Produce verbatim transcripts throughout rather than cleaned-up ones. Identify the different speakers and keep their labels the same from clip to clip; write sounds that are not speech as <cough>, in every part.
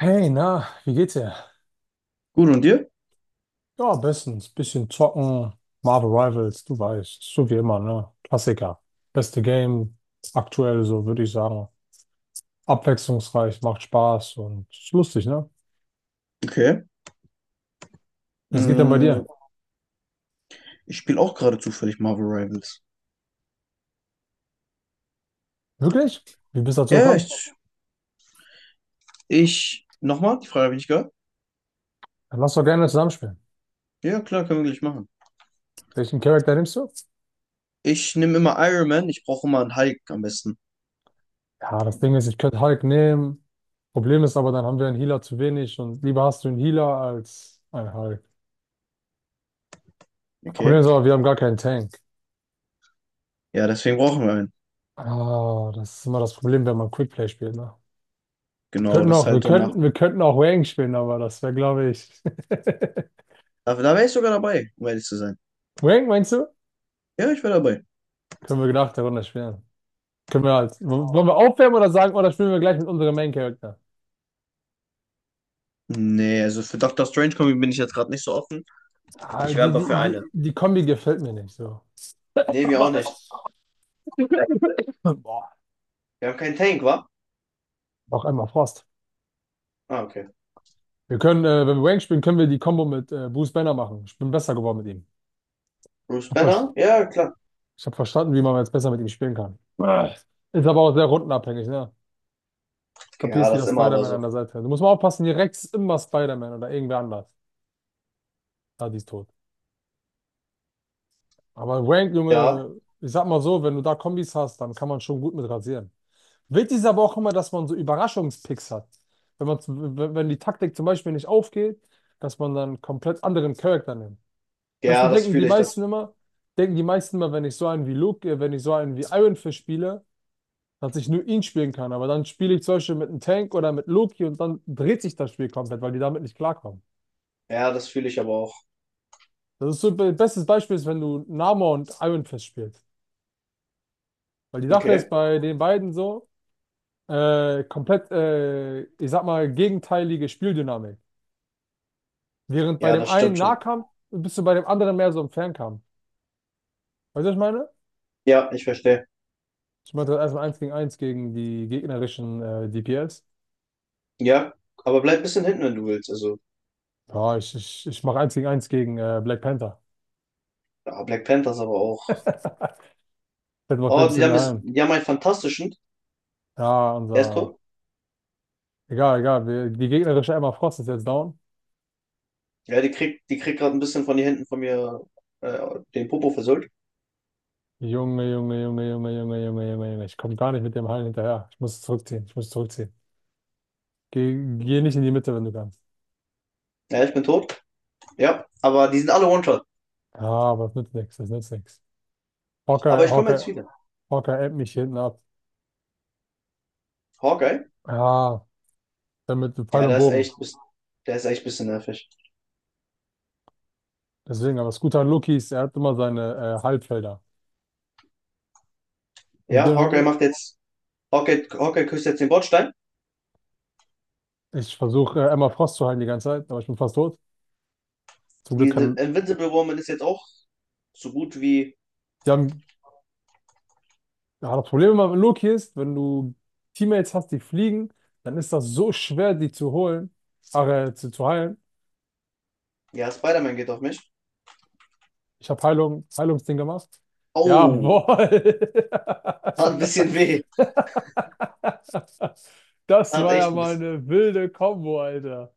Speaker 1: Hey, na, wie geht's dir?
Speaker 2: Gut, und dir?
Speaker 1: Ja, bestens. Bisschen zocken, Marvel Rivals, du weißt, so wie immer, ne? Klassiker. Beste Game, aktuell so, würde ich sagen. Abwechslungsreich, macht Spaß und ist lustig, ne?
Speaker 2: Okay.
Speaker 1: Was geht denn bei
Speaker 2: Mm,
Speaker 1: dir?
Speaker 2: Ich spiele auch gerade zufällig Marvel Rivals.
Speaker 1: Wirklich? Wie bist du dazu
Speaker 2: Ja,
Speaker 1: gekommen?
Speaker 2: ich, ich nochmal, die Frage habe ich nicht gehört.
Speaker 1: Dann lass doch gerne zusammenspielen.
Speaker 2: Ja, klar, können wir gleich machen.
Speaker 1: Welchen Charakter nimmst du?
Speaker 2: Ich nehme immer Iron Man, ich brauche immer einen Hulk am besten.
Speaker 1: Ja, das Ding ist, ich könnte Hulk nehmen. Problem ist aber, dann haben wir einen Healer zu wenig und lieber hast du einen Healer als einen Hulk. Das Problem
Speaker 2: Okay.
Speaker 1: ist aber, wir haben gar keinen Tank.
Speaker 2: Ja, deswegen brauchen wir einen.
Speaker 1: Ah, das ist immer das Problem, wenn man Quickplay spielt, ne? Wir
Speaker 2: Genau,
Speaker 1: könnten
Speaker 2: das ist
Speaker 1: auch, wir
Speaker 2: halt so nach.
Speaker 1: könnten, wir könnten auch Wang spielen, aber das wäre, glaube ich. <laughs>
Speaker 2: Da, da wäre ich sogar dabei, um ehrlich zu sein.
Speaker 1: Wang, meinst du?
Speaker 2: Ja, ich wäre dabei.
Speaker 1: Können wir nach der Runde spielen. Können wir halt. W- Wollen wir aufwärmen oder sagen, oder spielen wir gleich mit unserem Main Character?
Speaker 2: Nee, also für Doctor Strange Comic bin ich jetzt gerade nicht so offen.
Speaker 1: Ah,
Speaker 2: Ich wäre
Speaker 1: die,
Speaker 2: aber für
Speaker 1: die,
Speaker 2: eine.
Speaker 1: die, die Kombi gefällt mir nicht so.
Speaker 2: Nee, wir auch
Speaker 1: Aber.
Speaker 2: nicht.
Speaker 1: <laughs> Boah,
Speaker 2: Wir haben keinen Tank, wa?
Speaker 1: noch einmal Frost.
Speaker 2: Ah, okay.
Speaker 1: Wir können, äh, wenn wir Wang spielen, können wir die Combo mit äh, Bruce Banner machen. Ich bin besser geworden mit ihm.
Speaker 2: Bruce Banner? Ja, klar.
Speaker 1: Ich habe verstanden, wie man jetzt besser mit ihm spielen kann. Äh, Ist aber auch sehr rundenabhängig, ne?
Speaker 2: Ja,
Speaker 1: Kapierst wie
Speaker 2: das ist
Speaker 1: das
Speaker 2: immer aber
Speaker 1: Spider-Man an
Speaker 2: so.
Speaker 1: der Seite. Du musst mal aufpassen, hier Rex ist immer Spider-Man oder irgendwer anders. Ah, die ist tot. Aber Wank,
Speaker 2: Ja,
Speaker 1: Junge, ich sag mal so, wenn du da Kombis hast, dann kann man schon gut mit rasieren. Wichtig ist aber auch immer, dass man so Überraschungspicks hat. Wenn man, zum- wenn wenn die Taktik zum Beispiel nicht aufgeht, dass man dann komplett anderen Charakter nimmt. Zum
Speaker 2: ja,
Speaker 1: Beispiel
Speaker 2: das
Speaker 1: denken die
Speaker 2: fühle ich, das.
Speaker 1: meisten immer, denken die meisten immer, wenn ich so einen wie Luke, äh, wenn ich so einen wie Iron Fist spiele, dass ich nur ihn spielen kann. Aber dann spiele ich zum Beispiel mit einem Tank oder mit Loki und dann dreht sich das Spiel komplett, weil die damit nicht klarkommen.
Speaker 2: Ja, das fühle ich aber auch.
Speaker 1: Das ist so be- bestes Beispiel ist, wenn du Namor und Iron Fist spielst. Weil die Sache ist
Speaker 2: Okay.
Speaker 1: bei den beiden so, äh, komplett, äh, ich sag mal, gegenteilige Spieldynamik. Während bei
Speaker 2: Ja,
Speaker 1: dem
Speaker 2: das
Speaker 1: einen
Speaker 2: stimmt schon.
Speaker 1: Nahkampf bist du bei dem anderen mehr so im Fernkampf. Weißt du, was ich meine?
Speaker 2: Ja, ich verstehe.
Speaker 1: Ich meinte erstmal eins gegen eins gegen die gegnerischen äh, D P S.
Speaker 2: Ja, aber bleib ein bisschen hinten, wenn du willst. Also,
Speaker 1: Ja, ich, ich, ich mache eins gegen eins gegen äh, Black Panther.
Speaker 2: ja, Black Panthers aber auch.
Speaker 1: <laughs> Das mir ein
Speaker 2: Oh, die
Speaker 1: bisschen
Speaker 2: haben,
Speaker 1: mehr
Speaker 2: es,
Speaker 1: ein.
Speaker 2: die haben einen fantastischen.
Speaker 1: Ja,
Speaker 2: Er ist
Speaker 1: unser.
Speaker 2: tot.
Speaker 1: Egal, egal. Wir, die gegnerische Emma Frost ist jetzt down.
Speaker 2: Ja, die kriegt, die kriegt gerade ein bisschen von den Händen von mir äh, den Popo versöhnt.
Speaker 1: Junge, Junge, Junge, Junge, Junge, Junge, Junge, Junge. Ich komme gar nicht mit dem Hallen hinterher. Ich muss zurückziehen. Ich muss zurückziehen. Geh, geh nicht in die Mitte, wenn du kannst.
Speaker 2: Ja, ich bin tot. Ja, aber die sind alle One-Shot.
Speaker 1: Ja, aber das nützt nichts. Das nützt nichts. Hawkeye,
Speaker 2: Aber ich komme jetzt
Speaker 1: Hawkeye,
Speaker 2: wieder.
Speaker 1: Hawkeye ebbt mich hinten ab.
Speaker 2: Hawkeye?
Speaker 1: Ja, damit Pfeil
Speaker 2: Ja,
Speaker 1: und
Speaker 2: der ist
Speaker 1: Bogen.
Speaker 2: echt, bis- der ist echt ein bisschen nervig.
Speaker 1: Deswegen, aber das Gute an Loki ist, er hat immer seine äh, Halbfelder. Und
Speaker 2: Ja, Hawkeye
Speaker 1: dann,
Speaker 2: macht jetzt, Hawkeye, Hawkeye küsst jetzt den Bordstein.
Speaker 1: äh, ich versuche äh, Emma Frost zu heilen die ganze Zeit, aber ich bin fast tot. Zum
Speaker 2: Die
Speaker 1: Glück kann.
Speaker 2: Invincible Woman ist jetzt auch so gut wie,
Speaker 1: Die haben, ja, das Problem immer mit Loki ist, wenn du Teammates hast, die fliegen, dann ist das so schwer, die zu holen, ach, äh, zu, zu heilen.
Speaker 2: ja, Spider-Man geht auf mich.
Speaker 1: Ich habe Heilung, Heilungsding gemacht.
Speaker 2: Oh,
Speaker 1: Jawohl.
Speaker 2: hat ein bisschen weh.
Speaker 1: <laughs> Das
Speaker 2: Hat
Speaker 1: war ja
Speaker 2: echt ein
Speaker 1: mal
Speaker 2: bisschen,
Speaker 1: eine wilde Kombo, Alter.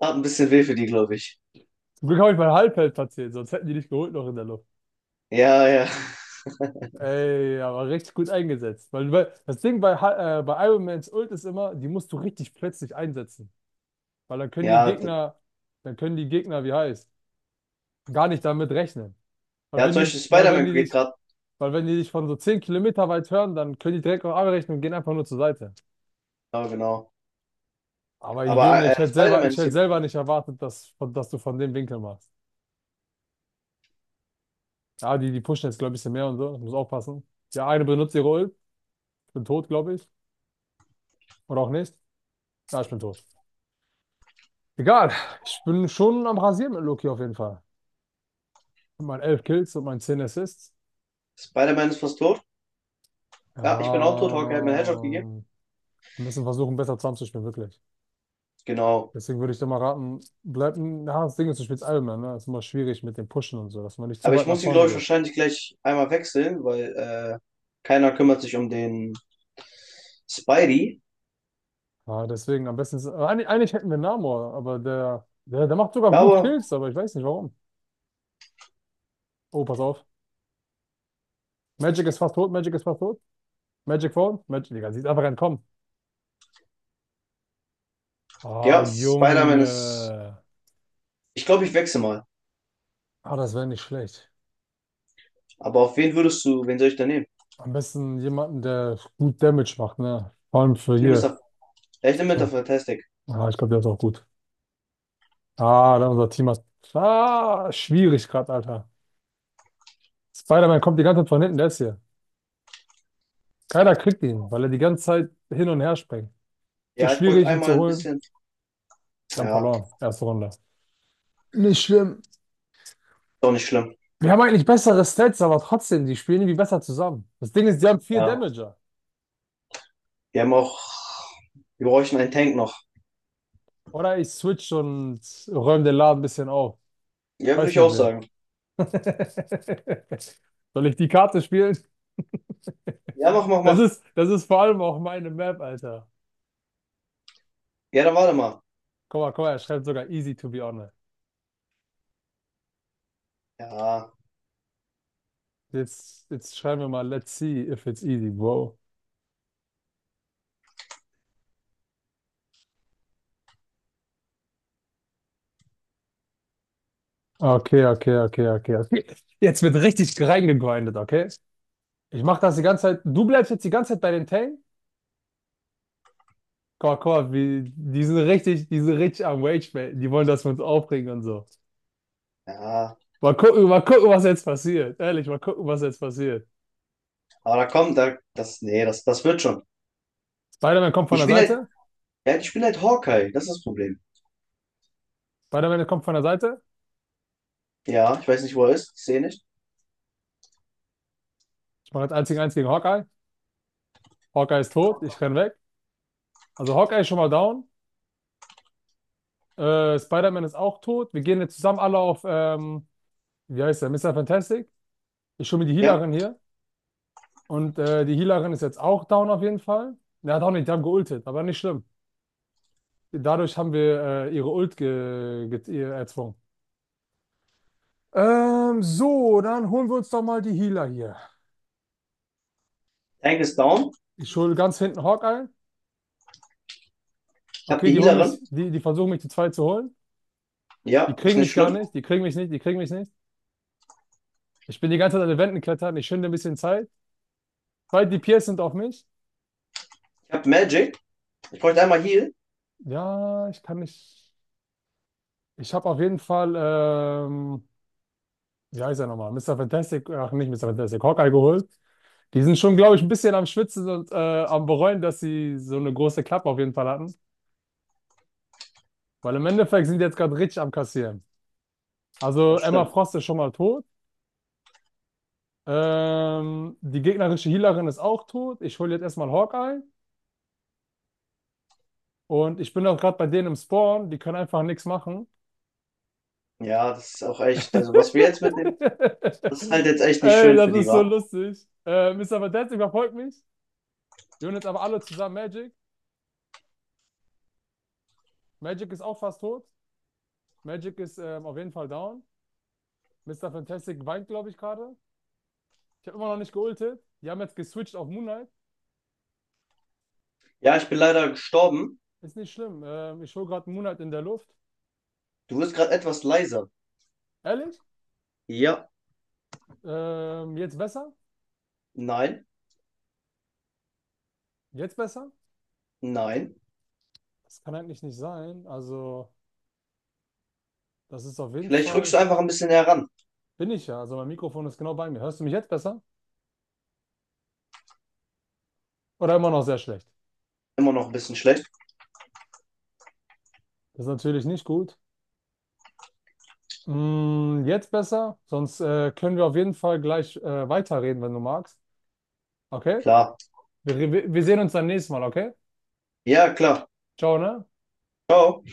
Speaker 2: hat ein bisschen weh für die, glaube ich.
Speaker 1: Zum Glück habe ich mein Halbfeld platziert, sonst hätten die nicht geholt noch in der Luft.
Speaker 2: Ja, ja.
Speaker 1: Ey, aber richtig gut eingesetzt. Weil, weil das Ding bei, Ha- äh, bei Iron Mans Ult ist immer, die musst du richtig plötzlich einsetzen. Weil dann können die
Speaker 2: Ja, d-
Speaker 1: Gegner, dann können die Gegner, wie heißt, gar nicht damit rechnen. Weil
Speaker 2: ja,
Speaker 1: wenn
Speaker 2: zum
Speaker 1: die,
Speaker 2: Beispiel
Speaker 1: weil wenn
Speaker 2: Spider-Man
Speaker 1: die
Speaker 2: geht
Speaker 1: dich,
Speaker 2: gerade.
Speaker 1: Weil wenn die dich von so zehn Kilometer weit hören, dann können die direkt noch abbrechen und gehen einfach nur zur Seite.
Speaker 2: Ja, genau.
Speaker 1: Aber
Speaker 2: Aber
Speaker 1: Junge,
Speaker 2: äh, äh,
Speaker 1: ich hätte selber,
Speaker 2: Spider-Man
Speaker 1: ich
Speaker 2: ist,
Speaker 1: hätte
Speaker 2: hier.
Speaker 1: selber nicht erwartet, dass, von- dass du von dem Winkel machst. Ja, die, die pushen jetzt, glaube ich, ein bisschen mehr und so. Ich muss aufpassen. Der eine benutzt ihre Ult. Ich bin tot, glaube ich. Oder auch nicht. Ja, ich bin tot. Egal. Ich bin schon am Rasieren mit Loki auf jeden Fall. Mit meinen elf Kills und meinen zehn Assists.
Speaker 2: Spider-Man ist fast tot.
Speaker 1: Ja,
Speaker 2: Ja, ich bin auch tot. Hawkeye hat mir einen Headshot gegeben.
Speaker 1: wir müssen versuchen, besser zusammenzuspielen, wirklich.
Speaker 2: Genau.
Speaker 1: Deswegen würde ich dir mal raten, bleib, ja, das Ding ist, du spielst Ironman, ne? Das ist immer schwierig mit dem Pushen und so, dass man nicht zu
Speaker 2: Aber ich
Speaker 1: weit nach
Speaker 2: muss ihn,
Speaker 1: vorne
Speaker 2: glaube ich,
Speaker 1: geht.
Speaker 2: wahrscheinlich gleich einmal wechseln, weil äh, keiner kümmert sich um den Spidey.
Speaker 1: Ja, deswegen am besten ist, äh, eigentlich, eigentlich hätten wir Namor, aber der, der, der macht sogar
Speaker 2: Ja,
Speaker 1: gut
Speaker 2: aber
Speaker 1: Kills, aber ich weiß nicht warum. Oh, pass auf. Magic ist fast tot, Magic ist fast tot. Magic Phone, Magic, Digga, sieht einfach entkommen. Ah,
Speaker 2: ja, Spider-Man ist.
Speaker 1: Junge.
Speaker 2: Ich glaube, ich wechsle mal.
Speaker 1: Ah, das wäre nicht schlecht.
Speaker 2: Aber auf wen würdest du, wen soll ich da nehmen?
Speaker 1: Am besten jemanden, der gut Damage macht, ne? Vor allem für
Speaker 2: Ich nehme Mr.
Speaker 1: hier.
Speaker 2: F- Ja, ich nehme Mister
Speaker 1: So.
Speaker 2: Fantastic.
Speaker 1: Ah, ich glaube, der ist auch gut. Ah, da unser Team hat. Ah, schwierig gerade, Alter. Spider-Man kommt die ganze Zeit von hinten, der ist hier. Keiner kriegt ihn, weil er die ganze Zeit hin und her springt. So
Speaker 2: Ja, ich bräuchte
Speaker 1: schwierig, ihn
Speaker 2: einmal
Speaker 1: zu
Speaker 2: ein
Speaker 1: holen.
Speaker 2: bisschen.
Speaker 1: Sie haben
Speaker 2: Ja,
Speaker 1: verloren.
Speaker 2: ist
Speaker 1: Erste Runde. Nicht schlimm.
Speaker 2: auch nicht schlimm.
Speaker 1: Wir haben eigentlich bessere Stats, aber trotzdem, die spielen irgendwie besser zusammen. Das Ding ist, die haben vier
Speaker 2: Ja.
Speaker 1: Damager.
Speaker 2: Wir haben auch. Wir bräuchten einen Tank noch.
Speaker 1: Oder ich switch und räume den Laden ein bisschen auf.
Speaker 2: Ja, würde
Speaker 1: Weiß
Speaker 2: ich
Speaker 1: mit
Speaker 2: auch
Speaker 1: wem.
Speaker 2: sagen.
Speaker 1: <laughs> Soll ich die Karte spielen? <laughs>
Speaker 2: Ja, mach, mach,
Speaker 1: Das
Speaker 2: mach.
Speaker 1: ist, das ist vor allem auch meine Map, Alter.
Speaker 2: Ja, dann warte mal.
Speaker 1: Guck mal, guck mal, er schreibt sogar easy to be honest.
Speaker 2: Ja,
Speaker 1: Jetzt, jetzt schreiben wir mal, let's see if it's easy, bro. Okay, okay, okay, okay, okay. Jetzt wird richtig reingegrindet, okay? Ich mache das die ganze Zeit. Du bleibst jetzt die ganze Zeit bei den Tang? Guck, guck, wie, die sind richtig, die sind richtig am Rage, man. Die wollen, dass wir uns aufregen und so.
Speaker 2: ja.
Speaker 1: Mal gucken, mal gucken, was jetzt passiert. Ehrlich, mal gucken, was jetzt passiert.
Speaker 2: Aber da kommt, da, das, nee, das, das wird schon.
Speaker 1: Spider-Man kommt von
Speaker 2: Ich
Speaker 1: der
Speaker 2: bin halt,
Speaker 1: Seite.
Speaker 2: ja, ich bin halt Hawkeye. Das ist das Problem.
Speaker 1: Spider-Man kommt von der Seite.
Speaker 2: Ja, ich weiß nicht, wo er ist. Ich sehe nicht.
Speaker 1: Ich mache jetzt eins gegen eins gegen Hawkeye. Hawkeye ist tot. Ich renn weg. Also Hawkeye ist schon mal down. Äh, Spider-Man ist auch tot. Wir gehen jetzt zusammen alle auf, ähm, wie heißt der? Mister Fantastic. Ich hole mir die
Speaker 2: Ja.
Speaker 1: Healerin hier. Und äh, die Healerin ist jetzt auch down auf jeden Fall. Er hat auch nicht, die haben geultet, aber nicht schlimm. Dadurch haben wir äh, ihre Ult ge ge ihr erzwungen. Ähm, so, dann holen wir uns doch mal die Healer hier.
Speaker 2: Tank ist down.
Speaker 1: Ich hole ganz hinten Hawkeye.
Speaker 2: Ich habe
Speaker 1: Okay,
Speaker 2: die
Speaker 1: die holen mich,
Speaker 2: Healerin.
Speaker 1: die, die versuchen mich zu zweit zu holen. Die
Speaker 2: Ja, ist
Speaker 1: kriegen
Speaker 2: nicht
Speaker 1: mich gar
Speaker 2: schlimm.
Speaker 1: nicht, die kriegen mich nicht, die kriegen mich nicht. Ich bin die ganze Zeit an den Wänden klettern, ich schinde ein bisschen Zeit. Zwei D P S sind auf mich.
Speaker 2: Ich habe Magic. Ich bräuchte einmal Heal.
Speaker 1: Ja, ich kann nicht. Ich habe auf jeden Fall, ähm, wie heißt er nochmal? Mister Fantastic, ach nicht Mister Fantastic, Hawkeye geholt. Die sind schon, glaube ich, ein bisschen am Schwitzen und äh, am Bereuen, dass sie so eine große Klappe auf jeden Fall hatten. Weil im Endeffekt sind die jetzt gerade richtig am Kassieren. Also
Speaker 2: Das
Speaker 1: Emma
Speaker 2: stimmt.
Speaker 1: Frost ist schon mal tot. Ähm, die gegnerische Healerin ist auch tot. Ich hole jetzt erstmal Hawkeye. Und ich bin auch gerade bei denen im Spawn. Die können einfach nichts machen.
Speaker 2: Ja, das ist auch echt. Also, was wir
Speaker 1: <laughs>
Speaker 2: jetzt mitnehmen, das ist halt jetzt echt nicht
Speaker 1: Ey,
Speaker 2: schön
Speaker 1: das
Speaker 2: für die,
Speaker 1: ist so
Speaker 2: wa?
Speaker 1: lustig. Äh, Mister Vendetta überfolgt mich. Wir holen jetzt aber alle zusammen Magic. Magic ist auch fast tot. Magic ist ähm, auf jeden Fall down. Mister Fantastic weint, glaube ich, gerade. Ich habe immer noch nicht geultet. Die haben jetzt geswitcht auf Moonlight.
Speaker 2: Ja, ich bin leider gestorben.
Speaker 1: Ist nicht schlimm. Ähm, ich hole gerade Moonlight in der Luft.
Speaker 2: Du wirst gerade etwas leiser.
Speaker 1: Ehrlich?
Speaker 2: Ja.
Speaker 1: Ähm, jetzt besser?
Speaker 2: Nein,
Speaker 1: Jetzt besser?
Speaker 2: nein.
Speaker 1: Das kann eigentlich nicht sein. Also, das ist auf jeden
Speaker 2: Vielleicht rückst du
Speaker 1: Fall.
Speaker 2: einfach ein bisschen heran.
Speaker 1: Bin ich ja. Also, mein Mikrofon ist genau bei mir. Hörst du mich jetzt besser? Oder immer noch sehr schlecht?
Speaker 2: Immer noch ein bisschen schlecht.
Speaker 1: Das ist natürlich nicht gut. Mm, jetzt besser? Sonst äh, können wir auf jeden Fall gleich äh, weiterreden, wenn du magst. Okay?
Speaker 2: Klar.
Speaker 1: Wir, wir, wir sehen uns dann nächstes Mal, okay?
Speaker 2: Ja, klar.
Speaker 1: Ciao, ne?
Speaker 2: Ciao.